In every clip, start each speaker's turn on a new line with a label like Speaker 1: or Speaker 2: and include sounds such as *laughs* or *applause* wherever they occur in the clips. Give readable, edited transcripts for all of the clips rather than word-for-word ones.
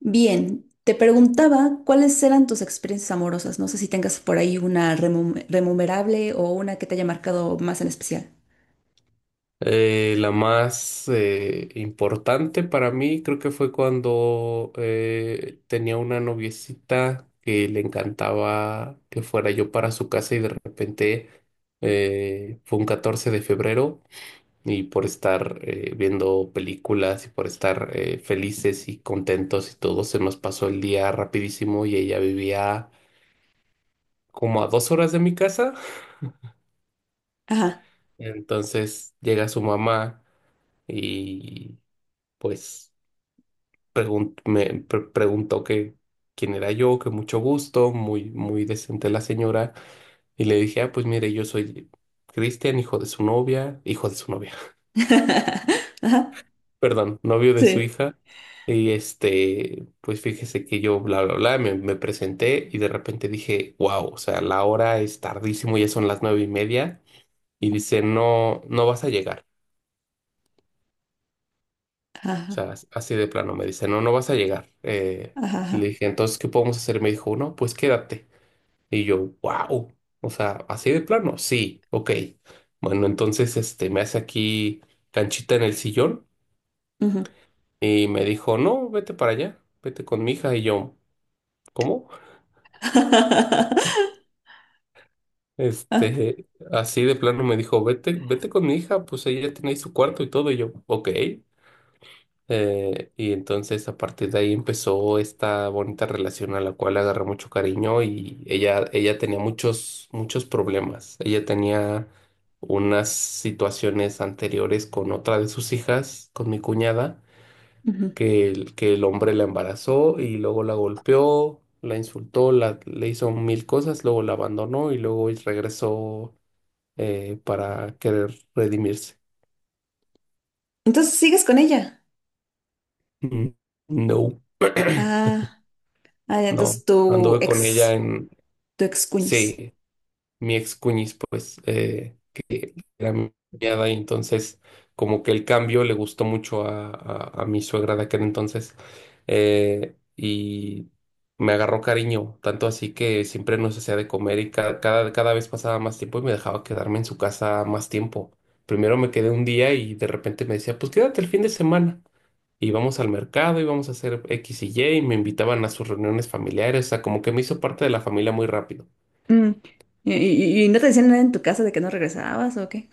Speaker 1: Bien, te preguntaba cuáles eran tus experiencias amorosas. No sé si tengas por ahí una remunerable o una que te haya marcado más en especial.
Speaker 2: La más importante para mí creo que fue cuando tenía una noviecita que le encantaba que fuera yo para su casa y de repente fue un 14 de febrero y por estar viendo películas y por estar felices y contentos y todo se nos pasó el día rapidísimo, y ella vivía como a dos horas de mi casa.
Speaker 1: Ajá.
Speaker 2: Entonces llega su mamá y pues preguntó que quién era yo, que mucho gusto, muy, muy decente la señora, y le dije, ah, pues mire, yo soy Cristian, hijo de su novia, hijo de su novia,
Speaker 1: *laughs* Ajá.
Speaker 2: *laughs* perdón, novio de su
Speaker 1: Sí.
Speaker 2: hija, y este, pues fíjese que yo, bla, bla, bla, me presenté y de repente dije, wow, o sea, la hora es tardísimo, ya son las nueve y media. Y dice, no, no vas a llegar. O
Speaker 1: Ajá.
Speaker 2: sea, así de plano me dice, no, no vas a llegar.
Speaker 1: Ajá.
Speaker 2: Y le
Speaker 1: Ajá.
Speaker 2: dije, entonces, ¿qué podemos hacer? Me dijo, no, pues quédate. Y yo, wow, o sea, así de plano, sí, ok. Bueno, entonces este, me hace aquí canchita en el sillón
Speaker 1: Ujú.
Speaker 2: y me dijo, no, vete para allá, vete con mi hija. Y yo, ¿cómo?
Speaker 1: *laughs* Ah,
Speaker 2: Este, así de plano me dijo, vete, vete con mi hija, pues ella tiene ahí su cuarto y todo. Y yo, ok. Y entonces a partir de ahí empezó esta bonita relación a la cual agarré mucho cariño, y ella tenía muchos, muchos problemas. Ella tenía unas situaciones anteriores con otra de sus hijas, con mi cuñada,
Speaker 1: ujú.
Speaker 2: que el hombre la embarazó y luego la golpeó, la insultó, la, le hizo mil cosas, luego la abandonó y luego regresó para querer redimirse.
Speaker 1: Entonces sigues con ella.
Speaker 2: *laughs* Mm, no,
Speaker 1: Ah, ah, ya,
Speaker 2: no,
Speaker 1: entonces tu
Speaker 2: anduve con ella.
Speaker 1: ex, tu ex cuñis.
Speaker 2: Sí, mi ex cuñis, pues, que era mi cuñada. Y entonces, como que el cambio le gustó mucho a, a mi suegra de aquel entonces, y me agarró cariño, tanto así que siempre nos hacía de comer, y cada vez pasaba más tiempo y me dejaba quedarme en su casa más tiempo. Primero me quedé un día y de repente me decía, pues quédate el fin de semana. Íbamos al mercado, íbamos a hacer X y Y, y me invitaban a sus reuniones familiares, o sea, como que me hizo parte de la familia muy rápido.
Speaker 1: Mm. ¿¿Y no te decían nada en tu casa de que no regresabas o qué?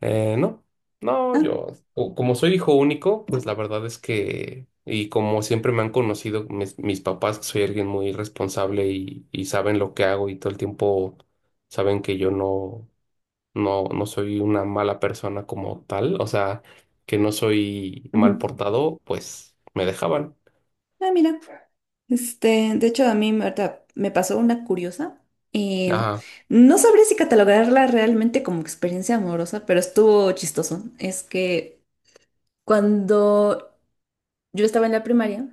Speaker 2: No, no, yo,
Speaker 1: Ah,
Speaker 2: como soy hijo único, pues la verdad es que, y como siempre me han conocido mis, mis papás, que soy alguien muy responsable y saben lo que hago y todo el tiempo saben que yo no, no, no soy una mala persona como tal, o sea, que no soy mal
Speaker 1: ujú.
Speaker 2: portado, pues me dejaban.
Speaker 1: Ah, mira. Este, de hecho, a mí me ahorita me pasó una curiosa. Y
Speaker 2: Ajá,
Speaker 1: no sabría si catalogarla realmente como experiencia amorosa, pero estuvo chistoso. Es que cuando yo estaba en la primaria,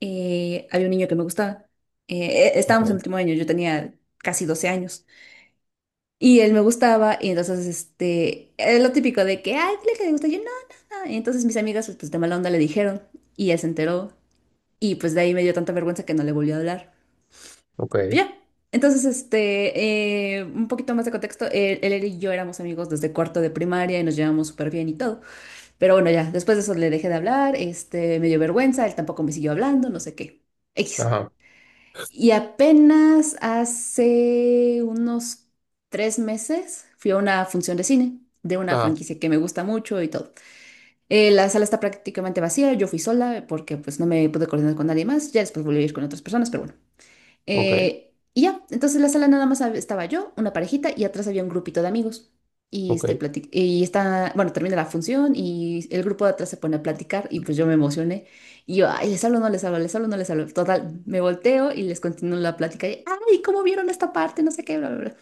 Speaker 1: había un niño que me gustaba.
Speaker 2: ok,
Speaker 1: Estábamos en el último año, yo tenía casi 12 años. Y él me gustaba, y entonces, este, lo típico de que, ay, dile que le gusta. Yo, no, no, no. Y entonces mis amigas, pues de mala onda, le dijeron, y él se enteró. Y pues de ahí me dio tanta vergüenza que no le volvió a hablar.
Speaker 2: ok,
Speaker 1: Ya. Entonces, este, un poquito más de contexto, él y yo éramos amigos desde cuarto de primaria y nos llevamos súper bien y todo. Pero bueno, ya, después de eso le dejé de hablar, este, me dio vergüenza, él tampoco me siguió hablando, no sé qué. X.
Speaker 2: ajá,
Speaker 1: Y apenas hace unos 3 meses fui a una función de cine de una
Speaker 2: ajá,
Speaker 1: franquicia que me gusta mucho y todo. La sala está prácticamente vacía, yo fui sola porque pues no me pude coordinar con nadie más, ya después volví a ir con otras personas, pero bueno.
Speaker 2: ok,
Speaker 1: Y ya, entonces la sala nada más estaba yo, una parejita y atrás había un grupito de amigos. Y,
Speaker 2: ok,
Speaker 1: este, y está, bueno, termina la función y el grupo de atrás se pone a platicar y pues yo me emocioné. Y yo, ay, les hablo, no les hablo, les hablo, no les hablo. Total, me volteo y les continúo la plática. Y, ay, ¿cómo vieron esta parte? No sé qué, bla, bla, bla.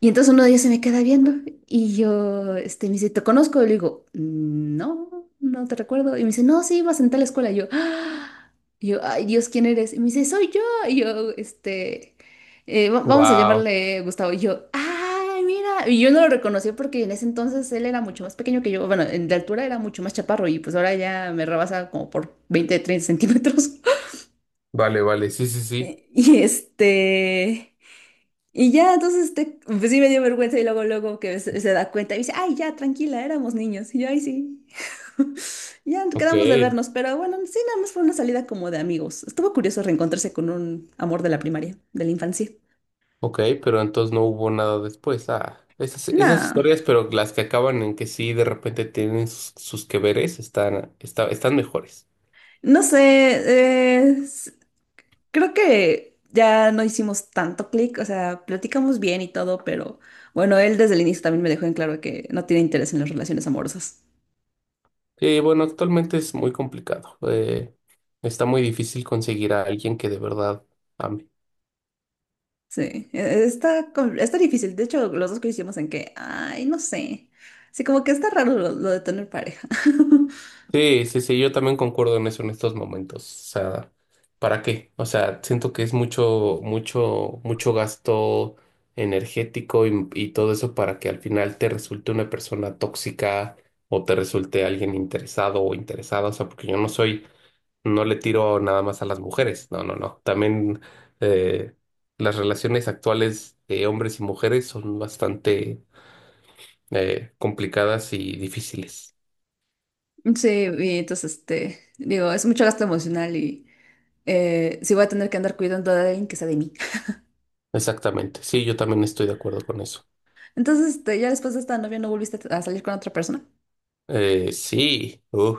Speaker 1: Y entonces uno de ellos se me queda viendo y yo, este, me dice, ¿te conozco? Y le digo, no, no te recuerdo. Y me dice, no, sí, ibas en tal escuela. Y yo, "Ah". Y yo, ay, Dios, ¿quién eres? Y me dice, soy yo. Y yo, este, vamos a
Speaker 2: wow,
Speaker 1: llamarle Gustavo. Y yo, ay, mira. Y yo no lo reconocí porque en ese entonces él era mucho más pequeño que yo. Bueno, de altura era mucho más chaparro y pues ahora ya me rebasa como por 20 30 centímetros. *laughs*
Speaker 2: vale, vale, sí, sí, sí,
Speaker 1: Y este. Y ya, entonces, pues sí me dio vergüenza y luego que se da cuenta y dice, ay, ya, tranquila, éramos niños. Y yo, ay, sí. *laughs* Ya
Speaker 2: ok.
Speaker 1: quedamos de vernos, pero bueno, sí, nada más fue una salida como de amigos. Estuvo curioso reencontrarse con un amor de la primaria, de la infancia.
Speaker 2: Ok, pero entonces no hubo nada después. Ah, esas, esas
Speaker 1: No,
Speaker 2: historias, pero las que acaban en que sí de repente tienen sus, sus que veres, están, están mejores.
Speaker 1: no sé, creo que ya no hicimos tanto clic, o sea, platicamos bien y todo, pero bueno, él desde el inicio también me dejó en claro que no tiene interés en las relaciones amorosas.
Speaker 2: Bueno, actualmente es muy complicado. Está muy difícil conseguir a alguien que de verdad ame.
Speaker 1: Sí, está difícil. De hecho, los dos coincidimos en que, ay, no sé. Sí, como que está raro lo de tener pareja. *laughs*
Speaker 2: Sí, sí, sí, yo también concuerdo en eso en estos momentos. O sea, ¿para qué? O sea, siento que es mucho, mucho, mucho gasto energético y todo eso para que al final te resulte una persona tóxica o te resulte alguien interesado o interesada. O sea, porque yo no soy, no le tiro nada más a las mujeres. No, no, no. También eh, las relaciones actuales de hombres y mujeres son bastante complicadas y difíciles.
Speaker 1: Sí, y entonces, este, digo, es mucho gasto emocional y sí voy a tener que andar cuidando de alguien que sea de mí. *laughs*
Speaker 2: Exactamente. Sí, yo también estoy de acuerdo con eso.
Speaker 1: Entonces, este, ya después de esta novia no volviste a salir con otra persona.
Speaker 2: Eh, sí, uh,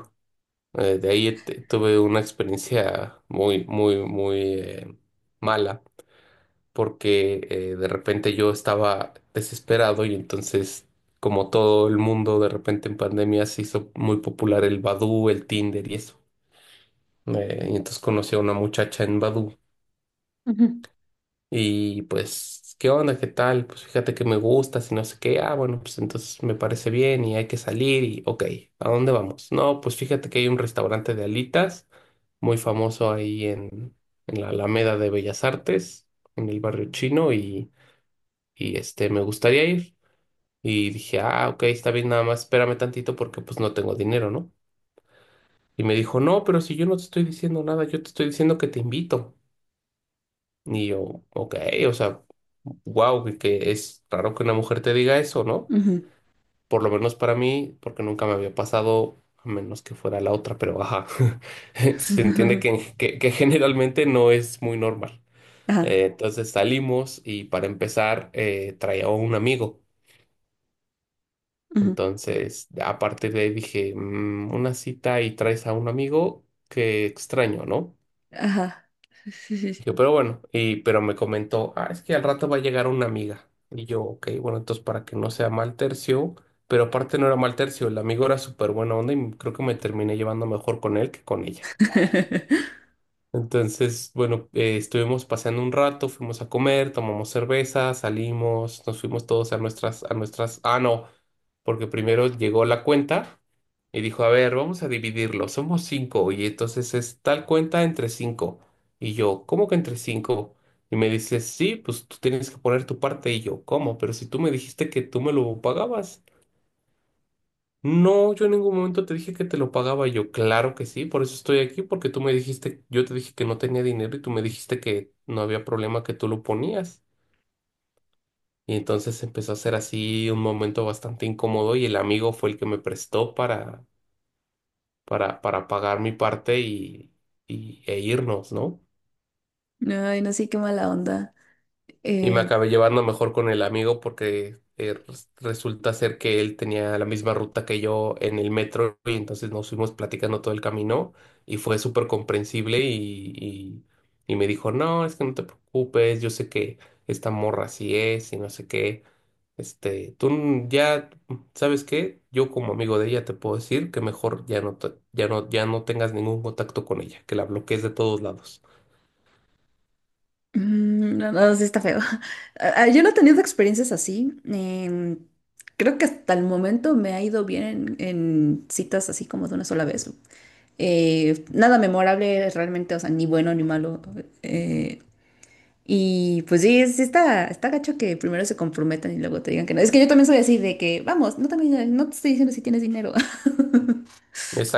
Speaker 2: eh, de ahí tuve una experiencia muy, muy, muy mala, porque de repente yo estaba desesperado y entonces, como todo el mundo, de repente en pandemia se hizo muy popular el Badoo, el Tinder y eso. Y entonces conocí a una muchacha en Badoo.
Speaker 1: Ujú.
Speaker 2: Y pues, ¿qué onda? ¿Qué tal? Pues fíjate que me gusta, si no sé qué. Ah, bueno, pues entonces me parece bien y hay que salir y, ok, ¿a dónde vamos? No, pues fíjate que hay un restaurante de alitas muy famoso ahí en la Alameda de Bellas Artes, en el barrio chino, y este, me gustaría ir. Y dije, ah, ok, está bien, nada más espérame tantito porque pues no tengo dinero, ¿no? Y me dijo, no, pero si yo no te estoy diciendo nada, yo te estoy diciendo que te invito. Y yo, ok, o sea, wow, que es raro que una mujer te diga eso, ¿no?
Speaker 1: Ujú.
Speaker 2: Por lo menos para mí, porque nunca me había pasado, a menos que fuera la otra, pero ajá, *laughs* se entiende
Speaker 1: *laughs*
Speaker 2: que, que generalmente no es muy normal.
Speaker 1: Ajá,
Speaker 2: Entonces salimos y para empezar traía a un amigo.
Speaker 1: ujú,
Speaker 2: Entonces, a partir de ahí dije, "Mm, una cita y traes a un amigo, qué extraño, ¿no?"
Speaker 1: ajá. Sí, sí, sí.
Speaker 2: Yo, pero bueno, y, pero me comentó, ah, es que al rato va a llegar una amiga. Y yo, ok, bueno, entonces para que no sea mal tercio, pero aparte no era mal tercio, el amigo era súper buena onda y creo que me terminé llevando mejor con él que con ella. Entonces, bueno, estuvimos paseando un rato, fuimos a comer, tomamos cerveza, salimos, nos fuimos todos a nuestras, ah, no, porque primero llegó la cuenta. Y dijo, a ver, vamos a dividirlo, somos cinco, y entonces es tal cuenta entre cinco. Y yo, ¿cómo que entre cinco? Y me dice, sí, pues tú tienes que poner tu parte. Y yo, ¿cómo? Pero si tú me dijiste que tú me lo pagabas. No, yo en ningún momento te dije que te lo pagaba. Y yo, claro que sí, por eso estoy aquí, porque tú me dijiste, yo te dije que no tenía dinero y tú me dijiste que no había problema, que tú lo ponías. Y entonces empezó a ser así un momento bastante incómodo, y el amigo fue el que me prestó para para pagar mi parte y, e irnos, ¿no?
Speaker 1: *laughs* Sí. Ay, no sé, qué mala onda.
Speaker 2: Y me
Speaker 1: Eh,
Speaker 2: acabé llevando mejor con el amigo porque resulta ser que él tenía la misma ruta que yo en el metro y entonces nos fuimos platicando todo el camino, y fue súper comprensible y, y me dijo, no, es que no te preocupes, yo sé que esta morra así es y no sé qué. Este, ya, ¿sabes qué? Yo como amigo de ella te puedo decir que mejor ya no, ya no, ya no tengas ningún contacto con ella, que la bloquees de todos lados.
Speaker 1: Mm, no, no, sí está feo. *laughs* Ah, ah, yo no he tenido experiencias así. Creo que hasta el momento me ha ido bien en citas así como de una sola vez. Nada memorable realmente, o sea, ni bueno ni malo. eh, y pues sí, sí está, está gacho que primero se comprometan y luego te digan que no. Es que yo también soy así de que, vamos, no, también, no te estoy diciendo si tienes dinero. *laughs*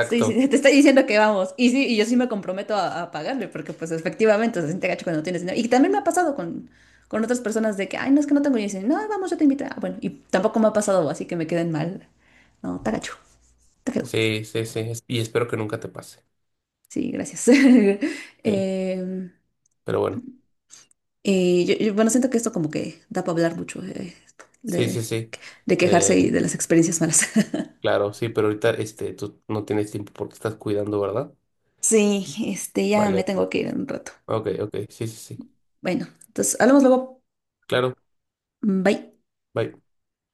Speaker 1: Sí, sí, *laughs* te estoy diciendo que vamos. Y sí, y yo sí me comprometo a pagarle, porque pues efectivamente se siente gacho cuando no tienes dinero. Y también me ha pasado con otras personas de que, ay, no es que no tengo dinero. Y dicen, no, vamos, yo te invito. Ah, bueno, y tampoco me ha pasado, así que me queden mal. No, está gacho, está feo.
Speaker 2: Sí, sí, sí. Y espero que nunca te pase.
Speaker 1: Sí, gracias. *laughs*
Speaker 2: Sí,
Speaker 1: Em,
Speaker 2: pero bueno.
Speaker 1: yo, bueno, siento que esto como que da para hablar mucho
Speaker 2: Sí, sí,
Speaker 1: de,
Speaker 2: sí.
Speaker 1: de quejarse y
Speaker 2: Eh,
Speaker 1: de las experiencias malas. *laughs*
Speaker 2: claro, sí, pero ahorita este, tú no tienes tiempo porque estás cuidando, ¿verdad?
Speaker 1: Sí, este, ya
Speaker 2: Vale,
Speaker 1: me
Speaker 2: vale.
Speaker 1: tengo que ir en un rato.
Speaker 2: Ok, ok. Sí, sí, sí.
Speaker 1: Bueno, entonces hablamos luego.
Speaker 2: Claro.
Speaker 1: Bye.
Speaker 2: Bye.